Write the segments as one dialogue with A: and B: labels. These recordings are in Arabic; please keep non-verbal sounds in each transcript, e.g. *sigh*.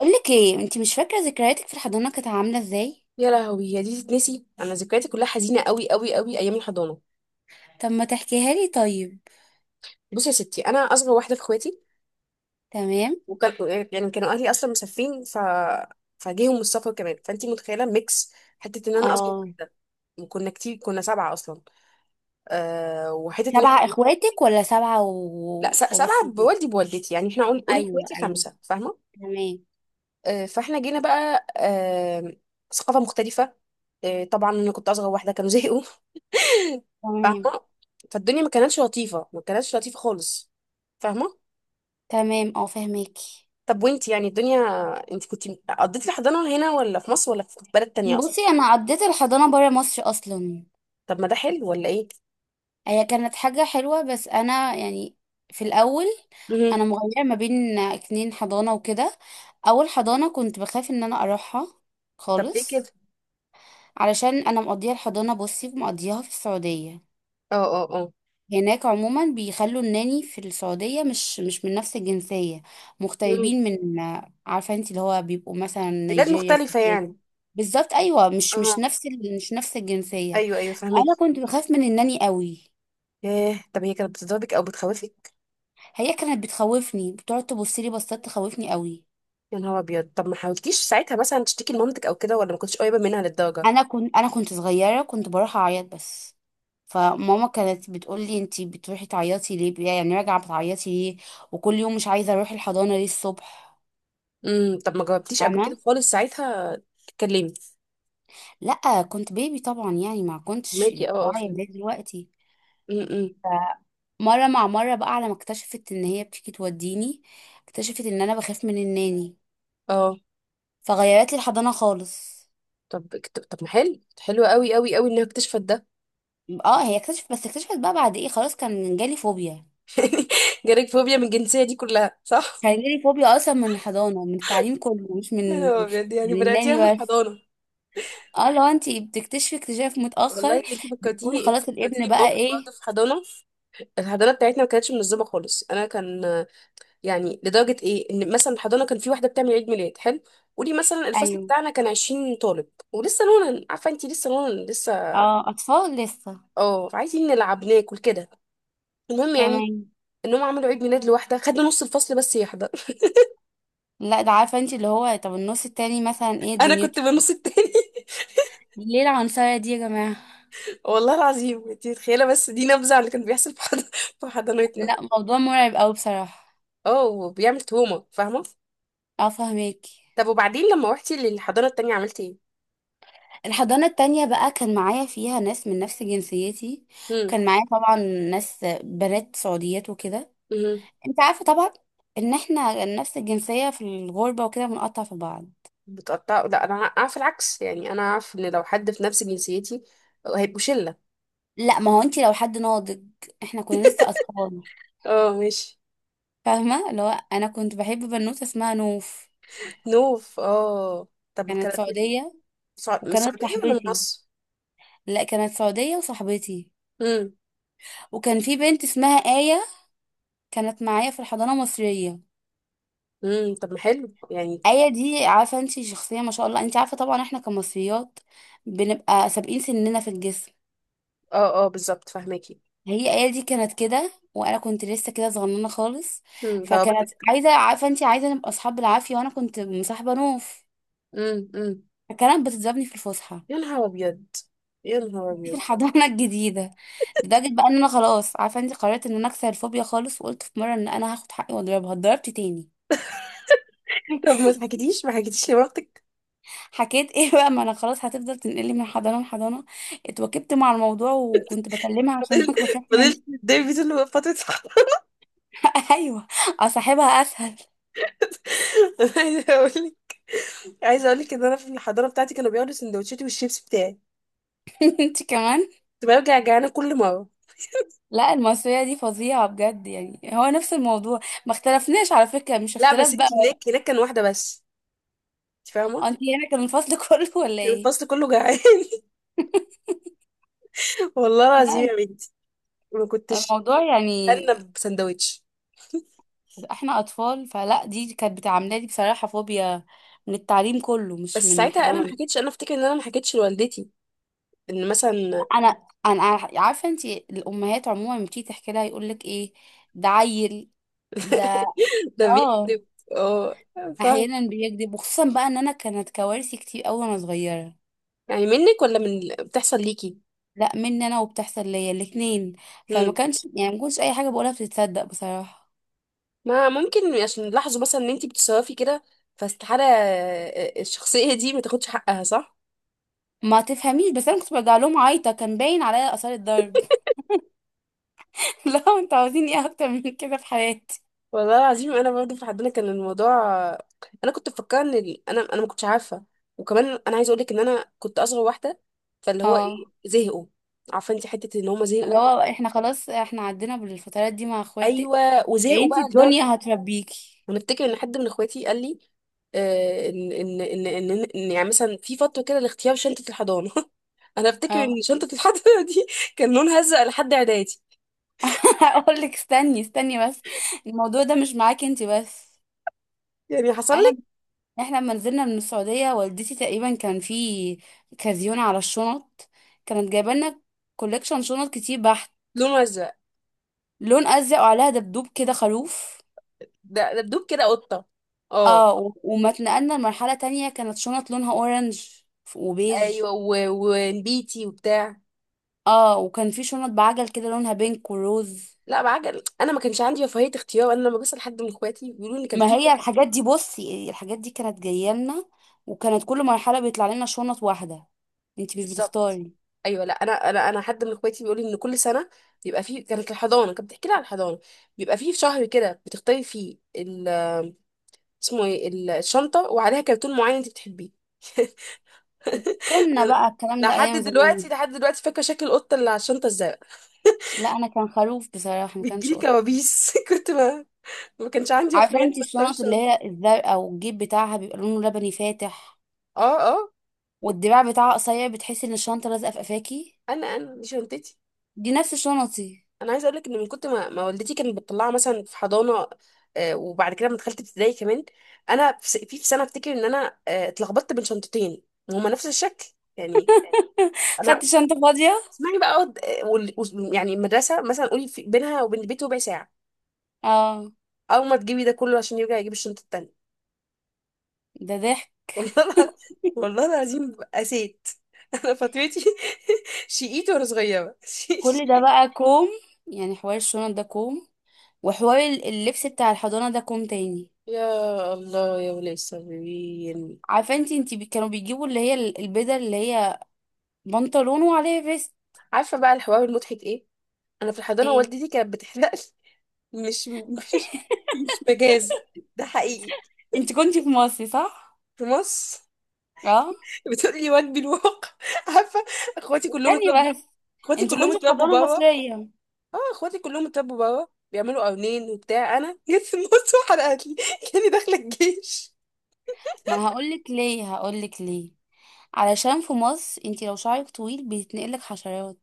A: اقول لك ايه، انت مش فاكره ذكرياتك في الحضانه كانت عامله ازاي؟
B: يا لهوي، هي دي تتنسي؟ انا ذكرياتي كلها حزينه قوي قوي قوي ايام الحضانه.
A: طب ما تحكيها لي طيب.
B: بصي يا ستي، انا اصغر واحده في اخواتي.
A: تمام.
B: يعني كانوا اهلي اصلا مسافرين فجيهم من السفر كمان، فانتي متخيله ميكس، حته ان انا اصغر
A: اه.
B: واحده. كنا كتير، كنا سبعه اصلا. وحته ان احنا...
A: سبعه اخواتك ولا سبعه
B: لا،
A: وباباك
B: سبعه
A: وجوزك؟
B: بوالدي بوالدتي، يعني احنا قولي
A: ايوه
B: اخواتي
A: ايوه.
B: خمسه، فاهمه.
A: تمام
B: فاحنا جينا بقى، ثقافه مختلفه. طبعا انا كنت اصغر واحده، كانوا زهقوا،
A: تمام.
B: فاهمه. فالدنيا ما كانتش لطيفه، ما كانتش لطيفه خالص، فاهمه.
A: تمام، اه فهماكي.
B: طب وانت يعني الدنيا، انت كنت... قضيتي الحضانة هنا ولا في مصر ولا في بلد تانية اصلا؟
A: بصي، انا عديت الحضانه بره مصر اصلا.
B: طب ما ده حلو ولا ايه؟
A: هي كانت حاجه حلوه بس انا يعني في الاول
B: مهم.
A: انا مغيره ما بين 2 حضانه وكده. اول حضانه كنت بخاف ان انا اروحها
B: طب ليه كده؟
A: خالص، علشان انا مقضيه الحضانه، بصي، مقضيها في السعوديه.
B: اه، اه، اه.
A: هناك عموما بيخلوا الناني في السعوديه مش من نفس الجنسيه،
B: مم.
A: مغتربين من. عارفه انت اللي هو بيبقوا مثلا
B: بلاد
A: نيجيريا،
B: مختلفة
A: السودان.
B: يعني.
A: بالظبط، ايوه، مش
B: اه،
A: نفس مش نفس الجنسيه.
B: ايوه، ايوه، فهمك.
A: انا كنت بخاف من الناني قوي.
B: ايه، طب هي كانت بتضربك او بتخوفك؟
A: هي كانت بتخوفني، بتقعد تبص لي بصات تخوفني قوي.
B: يا نهار ابيض، طب ما حاولتيش ساعتها مثلا تشتكي لمامتك او كده، ولا ما كنتش قريبة منها للدرجة؟
A: انا كنت صغيره، كنت بروح اعيط بس. فماما كانت بتقول لي: انتي بتروحي تعيطي ليه، يعني راجعه بتعيطي ليه وكل يوم مش عايزه اروح الحضانه ليه الصبح؟
B: امم، طب ما جاوبتيش قبل كده
A: فاهمه.
B: خالص ساعتها تتكلمي؟
A: لا، كنت بيبي طبعا يعني ما كنتش
B: فهماكي، اه، اه،
A: واعيه زي
B: فهمت.
A: دلوقتي.
B: امم.
A: مره مع مره بقى، على ما اكتشفت ان هي بتيجي توديني، اكتشفت ان انا بخاف من الناني،
B: اه.
A: فغيرت لي الحضانه خالص.
B: طب، طب، طب، ما حلو، حلو قوي قوي قوي انها اكتشفت ده.
A: اه، هي اكتشفت، بس اكتشفت بقى بعد ايه؟ خلاص كان جالي فوبيا.
B: *laughs* جالك فوبيا من الجنسية دي كلها صح؟
A: كان جالي فوبيا اصلا من الحضانه، من التعليم كله، مش
B: يا
A: من
B: نهار أبيض، يعني
A: من
B: بدأتيها من
A: الناني بس.
B: الحضانة؟
A: اه، لو انت بتكتشفي اكتشاف متاخر
B: والله انت
A: بيكون
B: فكرتيني انت
A: خلاص الابن
B: فكرتيني
A: بقى
B: بموقف
A: ايه.
B: برضه في حضانة. الحضانة بتاعتنا ما كانتش منظمة خالص. أنا كان... يعني لدرجة إيه إن مثلا الحضانة كان في واحدة بتعمل عيد ميلاد حلو. قولي مثلا الفصل
A: ايوه.
B: بتاعنا كان 20 طالب، ولسه نونا، عارفة انت لسه نونا لسه.
A: اه، اطفال لسه.
B: اه، عايزين نلعب ناكل كده. المهم، يعني
A: تمام.
B: انهم عملوا عيد ميلاد لواحدة خدنا نص الفصل بس يحضر.
A: لا، ده عارفه انت اللي هو، طب النص التاني مثلا
B: *laughs*
A: ايه
B: انا كنت
A: دنيته؟
B: بالنص التاني.
A: ليه العنصريه دي يا جماعه؟
B: والله العظيم انت متخيله، بس دي نبذه على اللي كان بيحصل في *laughs* في حضانتنا.
A: لا، موضوع مرعب قوي بصراحه.
B: اه، وبيعمل تهمه، فاهمه.
A: اه فهماكي.
B: طب وبعدين لما روحتي للحضانه التانية عملتي ايه؟
A: الحضانة التانية بقى كان معايا فيها ناس من نفس جنسيتي.
B: امم،
A: كان معايا طبعا ناس بنات سعوديات وكده.
B: امم.
A: انت عارفه طبعا ان احنا نفس الجنسيه في الغربه وكده بنقطع في بعض.
B: بتقطع؟ لا، انا اعرف العكس، يعني انا اعرف ان لو حد في نفس جنسيتي هيبقوا شله.
A: لا، ما هو انت لو حد ناضج، احنا كنا لسه اطفال.
B: اه، ماشي.
A: فاهمه، اللي هو انا كنت بحب بنوته اسمها نوف.
B: نوف، اه. طب
A: كانت
B: كانت من...
A: سعوديه
B: من
A: وكانت
B: السعوديه ولا من
A: صاحبتي.
B: مصر؟
A: لا، كانت سعوديه وصاحبتي.
B: امم،
A: وكان في بنت اسمها آية، كانت معايا في الحضانه المصريه.
B: امم. طب ما حلو يعني.
A: آية دي عارفه انت شخصيه ما شاء الله، انت عارفه طبعا احنا كمصريات بنبقى سابقين سننا في الجسم.
B: اه، اه، بالظبط فاهماكي.
A: هي ايه دي كانت كده وانا كنت لسه كده صغننه خالص.
B: امم،
A: فكانت
B: ضربتك.
A: عايزه، عارفه انت، عايزه نبقى اصحاب بالعافيه وانا كنت مصاحبه نوف،
B: امم، امم.
A: فكانت بتضربني في الفسحه
B: يا نهار ابيض. يا نهار
A: في
B: ابيض.
A: الحضانه *laughs* الجديده. لدرجه بقى ان انا خلاص، عارفه انت، قررت ان انا اكسر الفوبيا خالص، وقلت في مره ان انا هاخد حقي واضربها. اتضربت تاني.
B: طب ما
A: *laughs*
B: حكيتيش ما حكيتيش لمامتك؟
A: حكيت ايه بقى؟ ما انا خلاص هتفضل تنقلي من حضانه لحضانه. اتوكبت مع الموضوع، وكنت بكلمها عشان *laughs*
B: فضلت
A: بخاف منها.
B: فضلت تتضايقي طول فترة الحضانة؟
A: *laughs* ايوه. اصاحبها اسهل.
B: *laughs* عايزة اقول لك عايزة اقول لك ان انا في الحضانة بتاعتي كانوا بياخدوا سندوتشاتي والشيبس بتاعي،
A: *laughs* انت كمان.
B: كنت برجع جعانة كل مرة.
A: لا، المصرية دي فظيعة بجد، يعني هو نفس الموضوع، ما اختلفناش على فكرة، مش
B: لا،
A: اختلاف
B: بس انت،
A: بقى.
B: هناك كان واحدة بس، انت
A: *laughs*
B: فاهمة.
A: انت هنا كان الفصل *laughs* كله ولا
B: كان
A: ايه؟
B: الفصل كله جعان. *laughs* والله العظيم
A: لا،
B: يا بنتي. ما كنتش...
A: الموضوع يعني
B: انا بسندوتش.
A: احنا اطفال، فلا دي كانت بتعاملها لي بصراحة فوبيا من التعليم كله مش
B: بس
A: من
B: ساعتها انا ما
A: الحضانة.
B: حكيتش، انا افتكر ان انا ما حكيتش لوالدتي ان مثلا...
A: انا انا عارفة انت، الامهات عموما لما بتيجي تحكي لها يقول لك ايه: ده عيل، ده.
B: *laughs* ده
A: اه.
B: بيكذب. اه، فاهم.
A: احيانا بيكذب، وخصوصا بقى ان انا كانت كوارثي كتير قوي وانا صغيرة.
B: يعني منك ولا من بتحصل ليكي؟
A: لا، مني انا وبتحصل ليا الاتنين. فما كانش يعني ما كنتش اي حاجه بقولها بتتصدق بصراحه.
B: ما ممكن عشان لاحظوا مثلا ان انتي بتصرفي كده، فاستحالة الشخصية دي ما تاخدش حقها صح؟
A: ما تفهميش بس، انا كنت برجع لهم عايطه، كان باين عليا اثار الضرب. *laughs* لا، انتوا عاوزين ايه اكتر من كده في حياتي؟
B: والله العظيم، انا برضه في حدنا كان الموضوع. انا كنت مفكره ان انا ما كنتش عارفة. وكمان انا عايزة اقول لك ان انا كنت اصغر واحدة، فاللي هو
A: اه،
B: ايه، زهقوا. عارفة انتي حتة ان هما
A: اللي
B: زهقوا.
A: هو احنا خلاص احنا عدينا بالفترات دي مع اخواتك.
B: ايوه،
A: يا
B: وزهقوا
A: انتي
B: بقى
A: الدنيا
B: لدرجة...
A: هتربيكي.
B: انا افتكر ان حد من اخواتي قال لي إن يعني مثلا في فترة كده لاختيار شنطة الحضانة. *laughs* انا افتكر
A: اه.
B: ان شنطة الحضانة دي كان لونها ازرق لحد اعدادي.
A: *laughs* هقول لك استني استني بس، الموضوع ده مش معاكي انتي بس.
B: يعني حصل
A: انا،
B: لك؟
A: احنا لما نزلنا من السعودية والدتي تقريبا كان في كازيون على الشنط، كانت جايبه لنا كوليكشن شنط كتير بحت.
B: لونه ازرق.
A: لون ازرق وعليها دبدوب كده، خروف.
B: ده ده دوب كده قطه. اه.
A: اه، و- وما اتنقلنا لمرحلة تانية كانت شنط لونها اورنج وبيج.
B: ايوه، ونبيتي وبتاع.
A: اه، وكان في شنط بعجل كده لونها بينك وروز.
B: لا بعجل، انا ما كانش عندي رفاهيه اختيار. انا لما بسال حد من اخواتي بيقولوا لي كان
A: ما
B: في
A: هي
B: شهر.
A: الحاجات دي، بصي، الحاجات دي كانت جايه لنا، وكانت كل مرحلة بيطلع لنا شنط واحدة. انتي مش
B: بالظبط.
A: بتختاري.
B: ايوه، لا، انا حد من اخواتي بيقول لي ان كل سنه بيبقى فيه... كانت الحضانه كانت بتحكي لي على الحضانه، بيبقى فيه شهر كده بتختاري فيه ال... اسمه ايه الشنطه، وعليها كرتون معين انت بتحبيه. *laughs*
A: كنا
B: أنا
A: بقى الكلام ده
B: لحد
A: ايام
B: دلوقتي،
A: زمان.
B: لحد دلوقتي فاكره شكل القطه اللي على الشنطه الزرقاء.
A: لا، انا كان خروف بصراحة، ما
B: بتجيلي
A: كانش قطة.
B: كوابيس. *laughs* كنت ما كانش عندي
A: عارفه
B: اخوان
A: انت
B: بختار
A: الشنط اللي
B: شنطه.
A: هي الزرقاء والجيب بتاعها بيبقى لونه لبني فاتح،
B: اه، اه.
A: والدراع بتاعها قصير، بتحسي ان الشنطه لازقه في قفاكي.
B: انا دي شنطتي.
A: دي نفس شنطي.
B: انا عايزه اقول لك ان من كنت ما والدتي كانت بتطلعها مثلا في حضانه، وبعد كده لما دخلت ابتدائي كمان، انا في في سنه افتكر ان انا اتلخبطت بين شنطتين وهما نفس الشكل، يعني.
A: *laughs* خدت
B: انا
A: شنطه فاضيه.
B: اسمعي بقى أقعد، يعني المدرسه مثلا قولي في بينها وبين البيت ربع ساعه.
A: اه.
B: اول ما تجيبي ده كله عشان يرجع يجيب الشنطه التانيه.
A: ده ضحك.
B: *laughs* والله الع- والله العظيم قسيت. *laughs* انا فاتوتي. *laughs* شقيت وانا صغيره.
A: كل ده
B: *laughs*
A: بقى كوم، يعني حوار الشنط ده كوم، وحوار اللبس بتاع الحضانه ده كوم تاني.
B: يا الله يا ولي الصابرين.
A: عارفه انت كانوا بيجيبوا اللي هي البدل اللي هي بنطلون وعليها فيست.
B: عارفه بقى الحوار المضحك ايه؟ انا في الحضانه
A: ايه؟
B: والدتي كانت بتحلق لي. مش *laughs* مش مجاز، ده حقيقي.
A: انت كنتي في مصر صح؟
B: في مصر.
A: اه.
B: *laughs* بتقول لي واجبي الواقع. *laughs* عارفه، اخواتي كلهم
A: تاني
B: اتربوا.
A: بس.
B: اخواتي
A: انت
B: كلهم
A: كنتي في
B: اتربوا
A: حضانه
B: بره
A: مصريه؟
B: اه اخواتي كلهم اتربوا بره بيعملوا قرنين وبتاع، انا جيت في النص وحلقت لي *laughs* كاني داخله الجيش.
A: ما هقولك ليه، هقولك ليه، علشان في مصر انتي لو شعرك طويل بيتنقلك حشرات.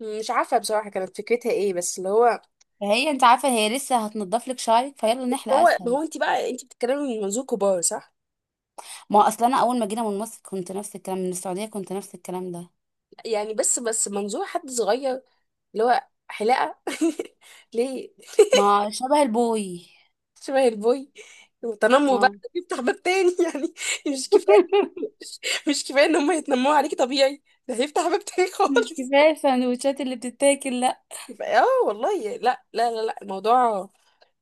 B: مش عارفه بصراحه كانت فكرتها ايه، بس اللي هو...
A: فهي، انت عارفه، هي لسه هتنضف لك شعرك، فيلا نحلق
B: هو ما
A: اسهل.
B: هو انت بقى، انت بتتكلمي من منظور كبار صح؟
A: ما اصلا انا اول ما جينا من مصر كنت نفس الكلام، من السعوديه كنت نفس الكلام ده.
B: يعني بس منظور حد صغير اللي هو حلاقة. *laughs* ليه؟
A: ما شبه البوي.
B: شبه البوي. وتنمر بقى
A: اه.
B: يفتح باب تاني *laughs* يعني. مش كفاية
A: *laughs*
B: مش مش كفاية ان هم يتنمروا عليكي طبيعي، ده هيفتح باب تاني
A: مش
B: خالص.
A: كفايه السندوتشات اللي بتتاكل لا؟
B: *laughs* يبقى اه، والله لا، لا، لا، لا، الموضوع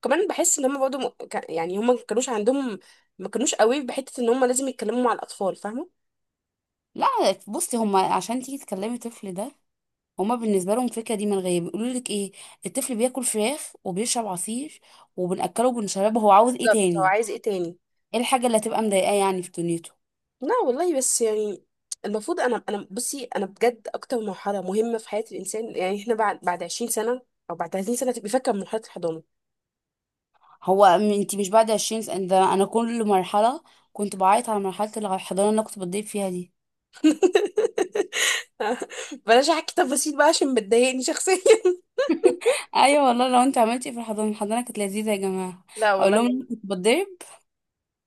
B: كمان، بحس ان هم برضه يعني هم ما كانوش عندهم، ما كانوش قوي بحتة ان هم لازم يتكلموا مع الاطفال، فاهمة.
A: لا، بصي، هما عشان تيجي تكلمي الطفل ده، هما بالنسبه لهم الفكره دي من غير بيقولوا لك ايه، الطفل بياكل فراخ وبيشرب عصير وبناكله وبنشربه، هو عاوز ايه
B: بالظبط، هو
A: تاني؟
B: عايز ايه تاني؟
A: ايه الحاجه اللي هتبقى مضايقاه يعني في دنيته؟
B: لا والله، بس يعني المفروض انا بصي، انا بجد اكتر مرحله مهمه في حياه الانسان. يعني احنا بعد 20 سنه او بعد 30 سنه تبقى فاكره من مرحله الحضانه.
A: هو انت مش بعد 20 سنة؟ ده انا كل مرحلة كنت بعيط على مرحلة الحضانة اللي أنا كنت بتضرب فيها دي.
B: *laughs* بلاش احكي تفاصيل بقى عشان بتضايقني شخصيا.
A: ايوه والله، لو انت عملتي في الحضانة، الحضانة كانت لذيذة يا جماعة،
B: *laughs* لا
A: اقول
B: والله
A: لهم إن كنت
B: يعني.
A: بتضرب.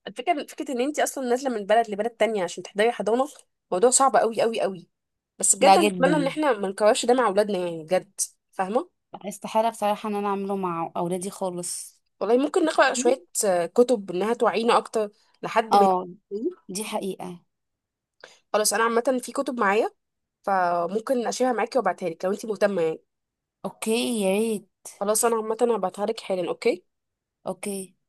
B: الفكره فكره ان انت اصلا نازله من بلد لبلد تانية عشان تحضري حضانه، موضوع صعب قوي قوي قوي. بس
A: لا
B: بجد انا اتمنى ان
A: جدا،
B: احنا ما نكررش ده مع اولادنا، يعني بجد، فاهمه.
A: استحالة بصراحة ان انا اعمله مع اولادي خالص.
B: والله ممكن نقرا
A: دي
B: شويه كتب انها توعينا اكتر، لحد ما...
A: اه، دي حقيقة.
B: خلاص، انا عامه في كتب معايا، فممكن اشيلها معاكي وابعتها لك لو انت مهتمه يعني.
A: اوكي، يا ريت.
B: خلاص، انا عامه هبعتها لك حالا. اوكي.
A: اوكي.